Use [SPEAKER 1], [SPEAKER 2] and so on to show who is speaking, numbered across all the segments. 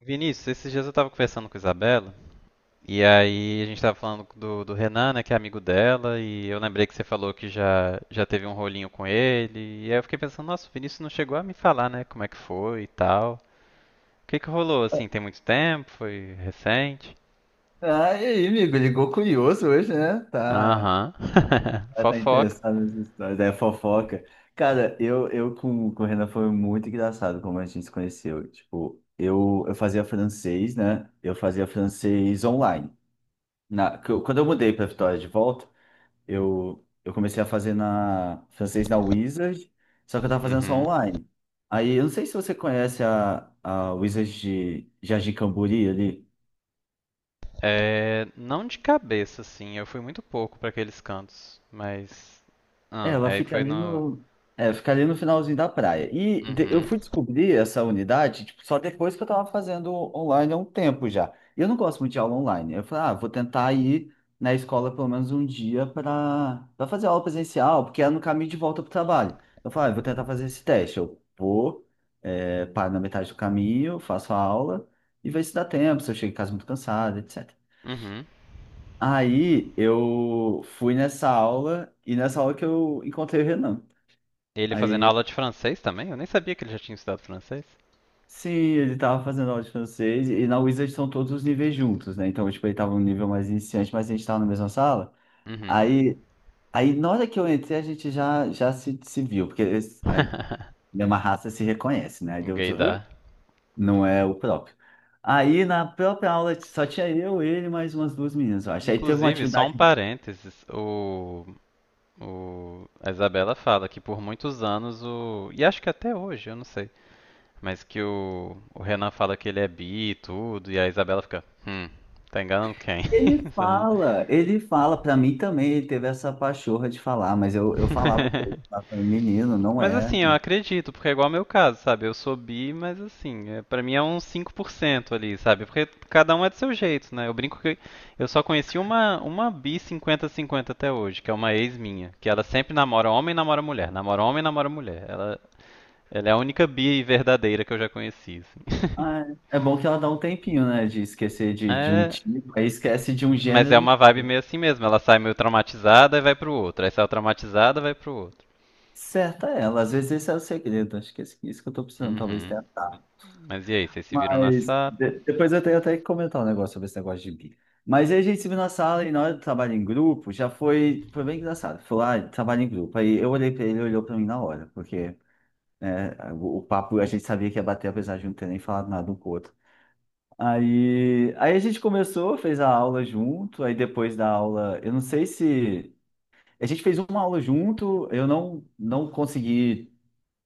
[SPEAKER 1] Vinícius, esses dias eu tava conversando com a Isabela, e aí a gente tava falando do Renan, né, que é amigo dela, e eu lembrei que você falou que já teve um rolinho com ele, e aí eu fiquei pensando, nossa, o Vinícius não chegou a me falar, né, como é que foi e tal. O que que rolou, assim, tem muito tempo? Foi recente?
[SPEAKER 2] Ah, e aí, amigo? Ligou curioso hoje, né? Tá,
[SPEAKER 1] Aham,
[SPEAKER 2] tá tá
[SPEAKER 1] fofoca.
[SPEAKER 2] interessado nessa história, é fofoca. Cara, eu com o Renan foi muito engraçado como a gente se conheceu. Tipo, eu fazia francês, né? Eu fazia francês online. Quando eu mudei pra Vitória de volta, eu comecei a fazer francês na Wizard, só que eu tava fazendo só
[SPEAKER 1] Uhum.
[SPEAKER 2] online. Aí, eu não sei se você conhece a Wizard de Jardim Camburi ali.
[SPEAKER 1] É, não de cabeça, assim, eu fui muito pouco pra aqueles cantos, mas...
[SPEAKER 2] É,
[SPEAKER 1] Ah,
[SPEAKER 2] ela
[SPEAKER 1] aí
[SPEAKER 2] fica
[SPEAKER 1] foi
[SPEAKER 2] ali
[SPEAKER 1] no...
[SPEAKER 2] fica ali no finalzinho da praia. Eu
[SPEAKER 1] Uhum,
[SPEAKER 2] fui descobrir essa unidade, tipo, só depois que eu tava fazendo online há um tempo já. E eu não gosto muito de aula online. Eu falei, ah, vou tentar ir na escola pelo menos um dia para fazer aula presencial, porque é no caminho de volta pro trabalho. Eu falei, ah, eu vou tentar fazer esse teste. Eu vou, paro na metade do caminho, faço a aula e vejo se dá tempo, se eu chego em casa muito cansado, etc.
[SPEAKER 1] uhum.
[SPEAKER 2] Aí eu fui nessa aula e nessa aula que eu encontrei o Renan.
[SPEAKER 1] E ele fazendo
[SPEAKER 2] Aí,
[SPEAKER 1] aula de francês também? Eu nem sabia que ele já tinha estudado francês.
[SPEAKER 2] sim, ele tava fazendo aula de francês e na Wizard são todos os níveis juntos, né? Então, tipo, ele tava no nível mais iniciante, mas a gente tava na mesma sala.
[SPEAKER 1] Uhum.
[SPEAKER 2] Aí, aí na hora que eu entrei, a gente já se viu, porque a mesma raça se reconhece, né? Aí deu, outro, "Hã?
[SPEAKER 1] Gaydar.
[SPEAKER 2] Não é o próprio." Aí na própria aula só tinha eu, ele e mais umas duas meninas, eu acho. Aí teve uma
[SPEAKER 1] Inclusive, só um
[SPEAKER 2] atividade.
[SPEAKER 1] parênteses, o- a Isabela fala que por muitos anos o. E acho que até hoje, eu não sei. Mas que o Renan fala que ele é bi e tudo, e a Isabela fica, tá enganando quem?
[SPEAKER 2] Ele
[SPEAKER 1] Sabe?
[SPEAKER 2] fala, ele fala, pra mim também, ele teve essa pachorra de falar, mas eu falava com ele, falava, menino, não
[SPEAKER 1] Mas
[SPEAKER 2] é.
[SPEAKER 1] assim, eu acredito, porque é igual ao meu caso, sabe? Eu sou bi, mas assim, é, para mim é uns 5% ali, sabe? Porque cada um é do seu jeito, né? Eu brinco que eu só conheci uma bi 50 50 até hoje, que é uma ex minha, que ela sempre namora homem e namora mulher, namora homem e namora mulher. Ela é a única bi verdadeira que eu já conheci, assim.
[SPEAKER 2] Ah, é bom que ela dá um tempinho, né? De esquecer de um
[SPEAKER 1] É,
[SPEAKER 2] tipo, aí esquece de um
[SPEAKER 1] mas é
[SPEAKER 2] gênero e
[SPEAKER 1] uma vibe meio assim mesmo, ela sai meio traumatizada e vai pro outro, aí sai traumatizada e vai pro outro.
[SPEAKER 2] certa ela. Às vezes esse é o segredo. Acho que isso que eu tô precisando, talvez
[SPEAKER 1] Uhum.
[SPEAKER 2] tenha. Tá.
[SPEAKER 1] Mas e aí, vocês se viram na SAP?
[SPEAKER 2] Depois eu tenho até que comentar um negócio sobre esse negócio de bi. Mas aí a gente se viu na sala e na hora do trabalho em grupo, já foi bem engraçado. Foi lá, trabalho em grupo. Aí eu olhei pra ele, ele olhou pra mim na hora, porque né, o papo a gente sabia que ia bater, apesar de não ter nem falado nada um com o outro. Aí a gente começou, fez a aula junto, aí depois da aula, eu não sei se a gente fez uma aula junto, eu não consegui,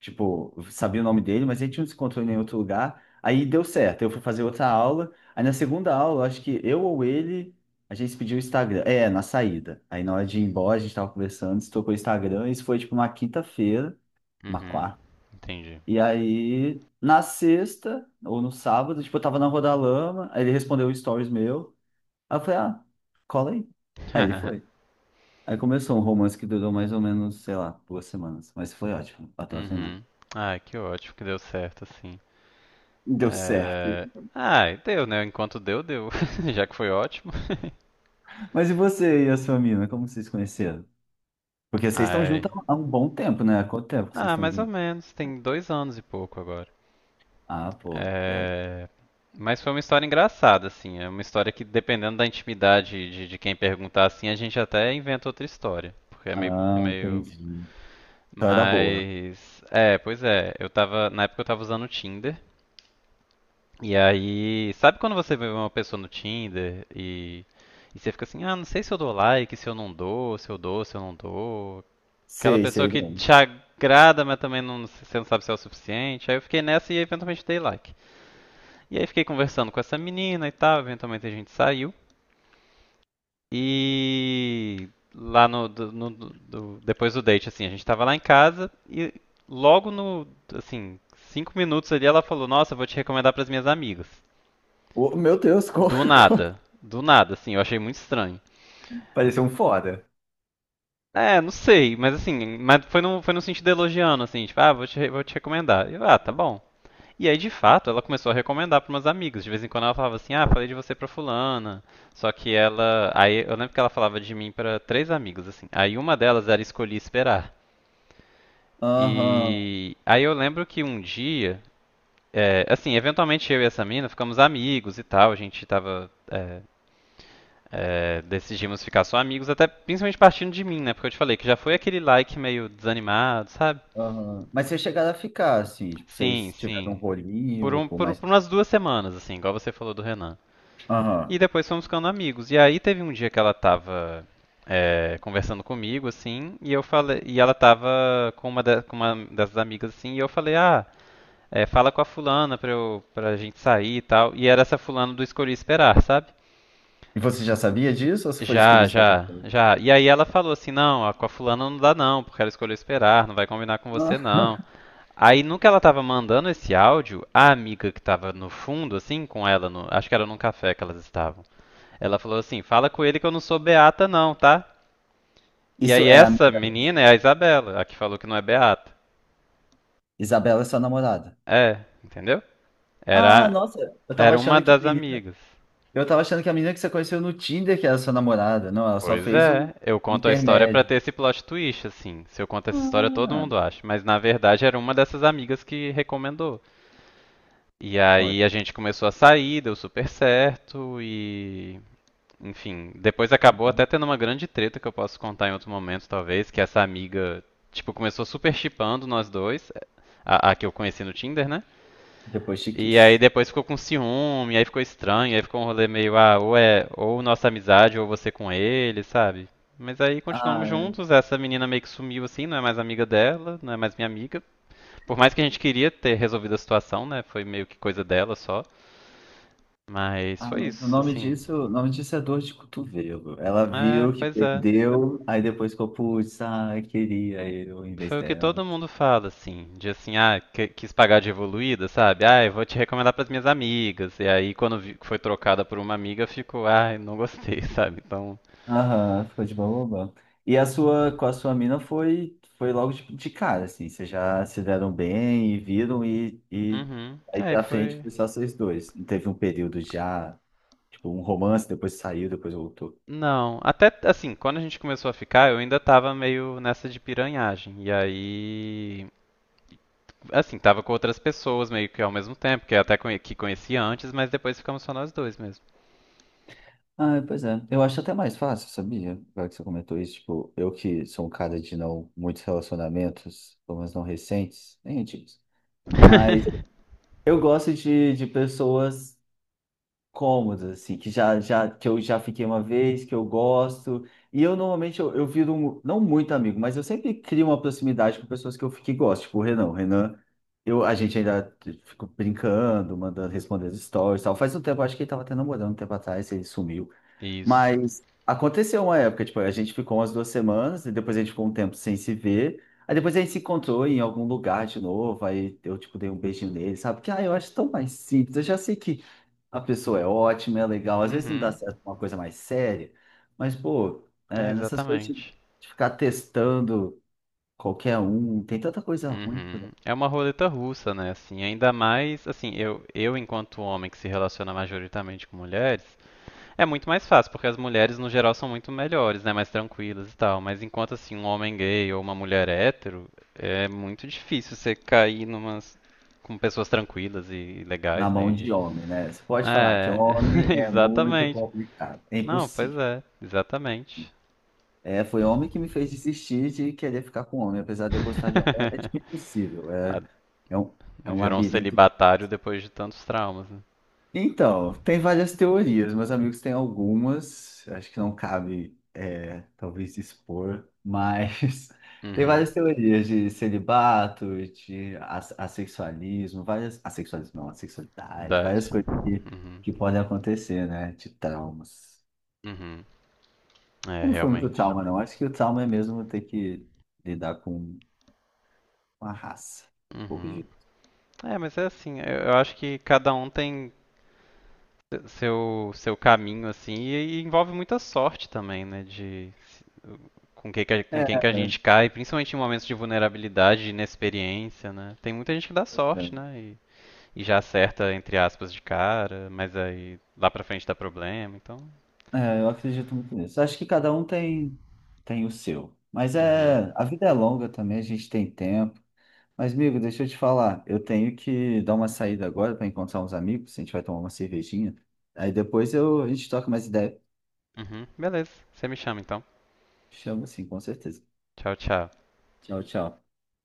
[SPEAKER 2] tipo, sabia o nome dele, mas a gente não se encontrou em nenhum outro lugar. Aí deu certo, eu fui fazer outra aula. Aí na segunda aula, acho que eu ou ele, a gente se pediu o Instagram. É, na saída. Aí na hora de ir embora, a gente tava conversando, se tocou o Instagram, isso foi tipo uma quinta-feira, uma,
[SPEAKER 1] Uhum. Entendi.
[SPEAKER 2] e aí, na sexta, ou no sábado, tipo, eu tava na Rodalama, aí ele respondeu um stories meu. Aí eu falei, ah, cola aí. Aí ele foi. Aí começou um romance que durou mais ou menos, sei lá, duas semanas. Mas foi ótimo, patrocinando.
[SPEAKER 1] Uhum. Ai, que ótimo que deu certo, assim.
[SPEAKER 2] Deu certo.
[SPEAKER 1] É... Ai, deu, né? Enquanto deu, deu. Já que foi ótimo.
[SPEAKER 2] Mas e você e a sua mina, como vocês se conheceram? Porque vocês estão
[SPEAKER 1] Ai.
[SPEAKER 2] juntos há um bom tempo, né? Há quanto tempo que vocês
[SPEAKER 1] Ah,
[SPEAKER 2] estão
[SPEAKER 1] mais ou
[SPEAKER 2] juntos?
[SPEAKER 1] menos. Tem 2 anos e pouco agora.
[SPEAKER 2] Ah, pô. É.
[SPEAKER 1] É... Mas foi uma história engraçada, assim. É uma história que, dependendo da intimidade de quem perguntar, assim, a gente até inventa outra história. Porque é meio,
[SPEAKER 2] Ah,
[SPEAKER 1] meio...
[SPEAKER 2] entendi. Então é da boa.
[SPEAKER 1] Mas... É, pois é. Eu tava... Na época eu tava usando o Tinder. E aí, sabe quando você vê uma pessoa no Tinder e você fica assim, ah, não sei se eu dou like, se eu não dou, se eu dou, se eu não dou. Aquela
[SPEAKER 2] Sei,
[SPEAKER 1] pessoa
[SPEAKER 2] sei
[SPEAKER 1] que
[SPEAKER 2] bem.
[SPEAKER 1] te agrada, mas também não, você não sabe se é o suficiente. Aí eu fiquei nessa e eventualmente dei like. E aí fiquei conversando com essa menina e tal, eventualmente a gente saiu. E lá no, do- no- do- do- depois do date, assim, a gente tava lá em casa e logo no, assim, 5 minutos ali ela falou, nossa, eu vou te recomendar pras minhas amigas.
[SPEAKER 2] Ô, meu Deus, como...
[SPEAKER 1] Do
[SPEAKER 2] como-
[SPEAKER 1] nada. Do nada, assim, eu achei muito estranho.
[SPEAKER 2] Pareceu um foda.
[SPEAKER 1] É, não sei, mas assim, mas foi no sentido elogiando, assim, tipo, ah, vou te recomendar. E eu, ah, tá bom. E aí, de fato, ela começou a recomendar para umas amigas. De vez em quando ela falava assim, ah, falei de você pra fulana. Só que ela. Aí eu lembro que ela falava de mim para 3 amigos, assim. Aí uma delas era escolhi esperar.
[SPEAKER 2] Aham.
[SPEAKER 1] E aí eu lembro que um dia, assim, eventualmente eu e essa mina ficamos amigos e tal, a gente tava. Decidimos ficar só amigos, até principalmente partindo de mim, né? Porque eu te falei que já foi aquele like meio desanimado, sabe?
[SPEAKER 2] Aham. Mas vocês chegaram a ficar, assim, tipo,
[SPEAKER 1] Sim,
[SPEAKER 2] vocês tiveram um
[SPEAKER 1] sim.
[SPEAKER 2] rolinho, por mais.
[SPEAKER 1] Por umas 2 semanas, assim, igual você falou do Renan. E
[SPEAKER 2] Aham.
[SPEAKER 1] depois fomos ficando amigos. E aí teve um dia que ela tava conversando comigo, assim, e eu falei, e ela tava com com uma dessas amigas, assim, e eu falei, ah, fala com a fulana pra, eu, pra gente sair e tal. E era essa fulana do Escolhi Esperar, sabe?
[SPEAKER 2] E você já sabia disso ou você foi descobrir isso depois?
[SPEAKER 1] Já. E aí ela falou assim: não, ó, com a fulana não dá não, porque ela escolheu esperar, não vai combinar com você
[SPEAKER 2] Ah,
[SPEAKER 1] não. Aí, no que ela tava mandando esse áudio, a amiga que tava no fundo, assim, com ela, no- acho que era num café que elas estavam, ela falou assim: fala com ele que eu não sou beata não, tá? E
[SPEAKER 2] isso
[SPEAKER 1] aí,
[SPEAKER 2] é a
[SPEAKER 1] essa
[SPEAKER 2] amiga.
[SPEAKER 1] menina é a Isabela, a que falou que não é beata.
[SPEAKER 2] Isabela é sua namorada.
[SPEAKER 1] É, entendeu?
[SPEAKER 2] Ah,
[SPEAKER 1] Era,
[SPEAKER 2] nossa, eu tava
[SPEAKER 1] era uma
[SPEAKER 2] achando que a
[SPEAKER 1] das
[SPEAKER 2] menina.
[SPEAKER 1] amigas.
[SPEAKER 2] Eu tava achando que a menina que você conheceu no Tinder que era sua namorada. Não, ela só
[SPEAKER 1] Pois
[SPEAKER 2] fez o
[SPEAKER 1] é, eu conto a história pra
[SPEAKER 2] intermédio.
[SPEAKER 1] ter esse plot twist, assim. Se eu conto essa história, todo
[SPEAKER 2] Ah,
[SPEAKER 1] mundo acha. Mas na verdade era uma dessas amigas que recomendou. E
[SPEAKER 2] olha.
[SPEAKER 1] aí a gente começou a sair, deu super certo e. Enfim, depois acabou até
[SPEAKER 2] Então,
[SPEAKER 1] tendo uma grande treta que eu posso contar em outro momento, talvez, que essa amiga, tipo, começou super chipando nós dois, a que eu conheci no Tinder, né?
[SPEAKER 2] depois te
[SPEAKER 1] E aí
[SPEAKER 2] quis.
[SPEAKER 1] depois ficou com ciúme, aí ficou estranho, aí ficou um rolê meio, ah, ou é ou nossa amizade, ou você com ele, sabe? Mas aí continuamos
[SPEAKER 2] Ah,
[SPEAKER 1] juntos, essa menina meio que sumiu assim, não é mais amiga dela, não é mais minha amiga. Por mais que a gente queria ter resolvido a situação, né? Foi meio que coisa dela só. Mas
[SPEAKER 2] ah,
[SPEAKER 1] foi
[SPEAKER 2] mas
[SPEAKER 1] isso, assim.
[SPEAKER 2] o nome disso é dor de cotovelo. Ela
[SPEAKER 1] É,
[SPEAKER 2] viu que
[SPEAKER 1] pois é.
[SPEAKER 2] perdeu, aí depois ficou, putz, ah, queria eu em vez
[SPEAKER 1] Foi o que
[SPEAKER 2] dela.
[SPEAKER 1] todo mundo fala, assim, de assim, ah, que- quis pagar de evoluída, sabe? Ah, eu vou te recomendar pras minhas amigas. E aí, quando vi- foi trocada por uma amiga, ficou, ah, não gostei, sabe? Então,
[SPEAKER 2] Aham, ficou de boba. E a sua, com a sua mina foi, foi logo de cara, assim, vocês já se deram bem e viram e
[SPEAKER 1] uhum.
[SPEAKER 2] aí
[SPEAKER 1] Aí
[SPEAKER 2] pra frente
[SPEAKER 1] foi.
[SPEAKER 2] foi só vocês dois. Não teve um período já, tipo, um romance, depois saiu, depois voltou.
[SPEAKER 1] Não, até assim, quando a gente começou a ficar, eu ainda tava meio nessa de piranhagem. E aí, assim, tava com outras pessoas meio que ao mesmo tempo, que eu até conhe- que conhecia antes, mas depois ficamos só nós dois mesmo.
[SPEAKER 2] Ah, pois é. Eu acho até mais fácil, sabia? Agora que você comentou isso, tipo, eu que sou um cara de não muitos relacionamentos, pelo menos não recentes, nem antigos. Mas eu gosto de pessoas cômodas, assim, que que eu já fiquei uma vez, que eu gosto. E eu normalmente eu viro, não muito amigo, mas eu sempre crio uma proximidade com pessoas que eu fiquei gosto, tipo o Renan. O Renan, eu, a gente ainda fica brincando, mandando respondendo stories e tal. Faz um tempo, acho que ele tava até namorando um tempo atrás, ele sumiu.
[SPEAKER 1] Isso.
[SPEAKER 2] Mas aconteceu uma época, tipo, a gente ficou umas duas semanas, e depois a gente ficou um tempo sem se ver. Aí depois a gente se encontrou em algum lugar de novo, aí eu, tipo, dei um beijinho nele, sabe? Que, ah, eu acho tão mais simples, eu já sei que a pessoa é ótima, é legal, às vezes não dá
[SPEAKER 1] Uhum.
[SPEAKER 2] certo uma coisa mais séria, mas, pô,
[SPEAKER 1] É,
[SPEAKER 2] é, nessas coisas
[SPEAKER 1] exatamente.
[SPEAKER 2] de ficar testando qualquer um, tem tanta coisa ruim por aí
[SPEAKER 1] Uhum. É uma roleta russa, né? Assim, ainda mais, assim, eu enquanto homem que se relaciona majoritariamente com mulheres, é muito mais fácil, porque as mulheres no geral são muito melhores, né? Mais tranquilas e tal. Mas enquanto assim, um homem gay ou uma mulher hétero, é muito difícil você cair numas. Com pessoas tranquilas e
[SPEAKER 2] na
[SPEAKER 1] legais, né?
[SPEAKER 2] mão
[SPEAKER 1] E-
[SPEAKER 2] de homem, né? Você pode falar que
[SPEAKER 1] é,
[SPEAKER 2] homem é muito
[SPEAKER 1] exatamente.
[SPEAKER 2] complicado, é
[SPEAKER 1] Não, pois
[SPEAKER 2] impossível.
[SPEAKER 1] é, exatamente.
[SPEAKER 2] É, foi homem que me fez desistir de querer ficar com homem, apesar de eu gostar de homem. É, é tipo impossível,
[SPEAKER 1] Ah,
[SPEAKER 2] é, é um, é um
[SPEAKER 1] virou um
[SPEAKER 2] labirinto.
[SPEAKER 1] celibatário depois de tantos traumas, né?
[SPEAKER 2] Então, tem várias teorias, meus amigos têm algumas, acho que não cabe, é, talvez expor, mas tem
[SPEAKER 1] Uhum.
[SPEAKER 2] várias teorias de celibato, assexualismo, várias, assexualismo não, assexualidade, várias
[SPEAKER 1] Verdade.
[SPEAKER 2] coisas
[SPEAKER 1] Uhum.
[SPEAKER 2] que podem acontecer, né, de traumas.
[SPEAKER 1] Uhum. É,
[SPEAKER 2] Não foi muito
[SPEAKER 1] realmente.
[SPEAKER 2] trauma, não, acho que o trauma é mesmo ter que lidar com uma raça. Um pouco
[SPEAKER 1] Uhum.
[SPEAKER 2] de.
[SPEAKER 1] É, mas é assim, eu acho que cada um tem seu caminho, assim, e envolve muita sorte também, né? De se- com quem que a-
[SPEAKER 2] É,
[SPEAKER 1] com quem
[SPEAKER 2] é,
[SPEAKER 1] que a gente cai, principalmente em momentos de vulnerabilidade, de inexperiência, né? Tem muita gente que dá sorte,
[SPEAKER 2] é,
[SPEAKER 1] né? E já acerta, entre aspas, de cara, mas aí lá pra frente dá problema, então.
[SPEAKER 2] É, eu acredito muito nisso. Acho que cada um tem, tem o seu. Mas
[SPEAKER 1] Uhum.
[SPEAKER 2] é, a vida é longa também, a gente tem tempo. Mas, amigo, deixa eu te falar. Eu tenho que dar uma saída agora para encontrar uns amigos. A gente vai tomar uma cervejinha. Aí depois eu, a gente toca mais ideia.
[SPEAKER 1] Uhum. Beleza, você me chama então.
[SPEAKER 2] Chama sim, com certeza.
[SPEAKER 1] Tchau, tchau.
[SPEAKER 2] Tchau, tchau.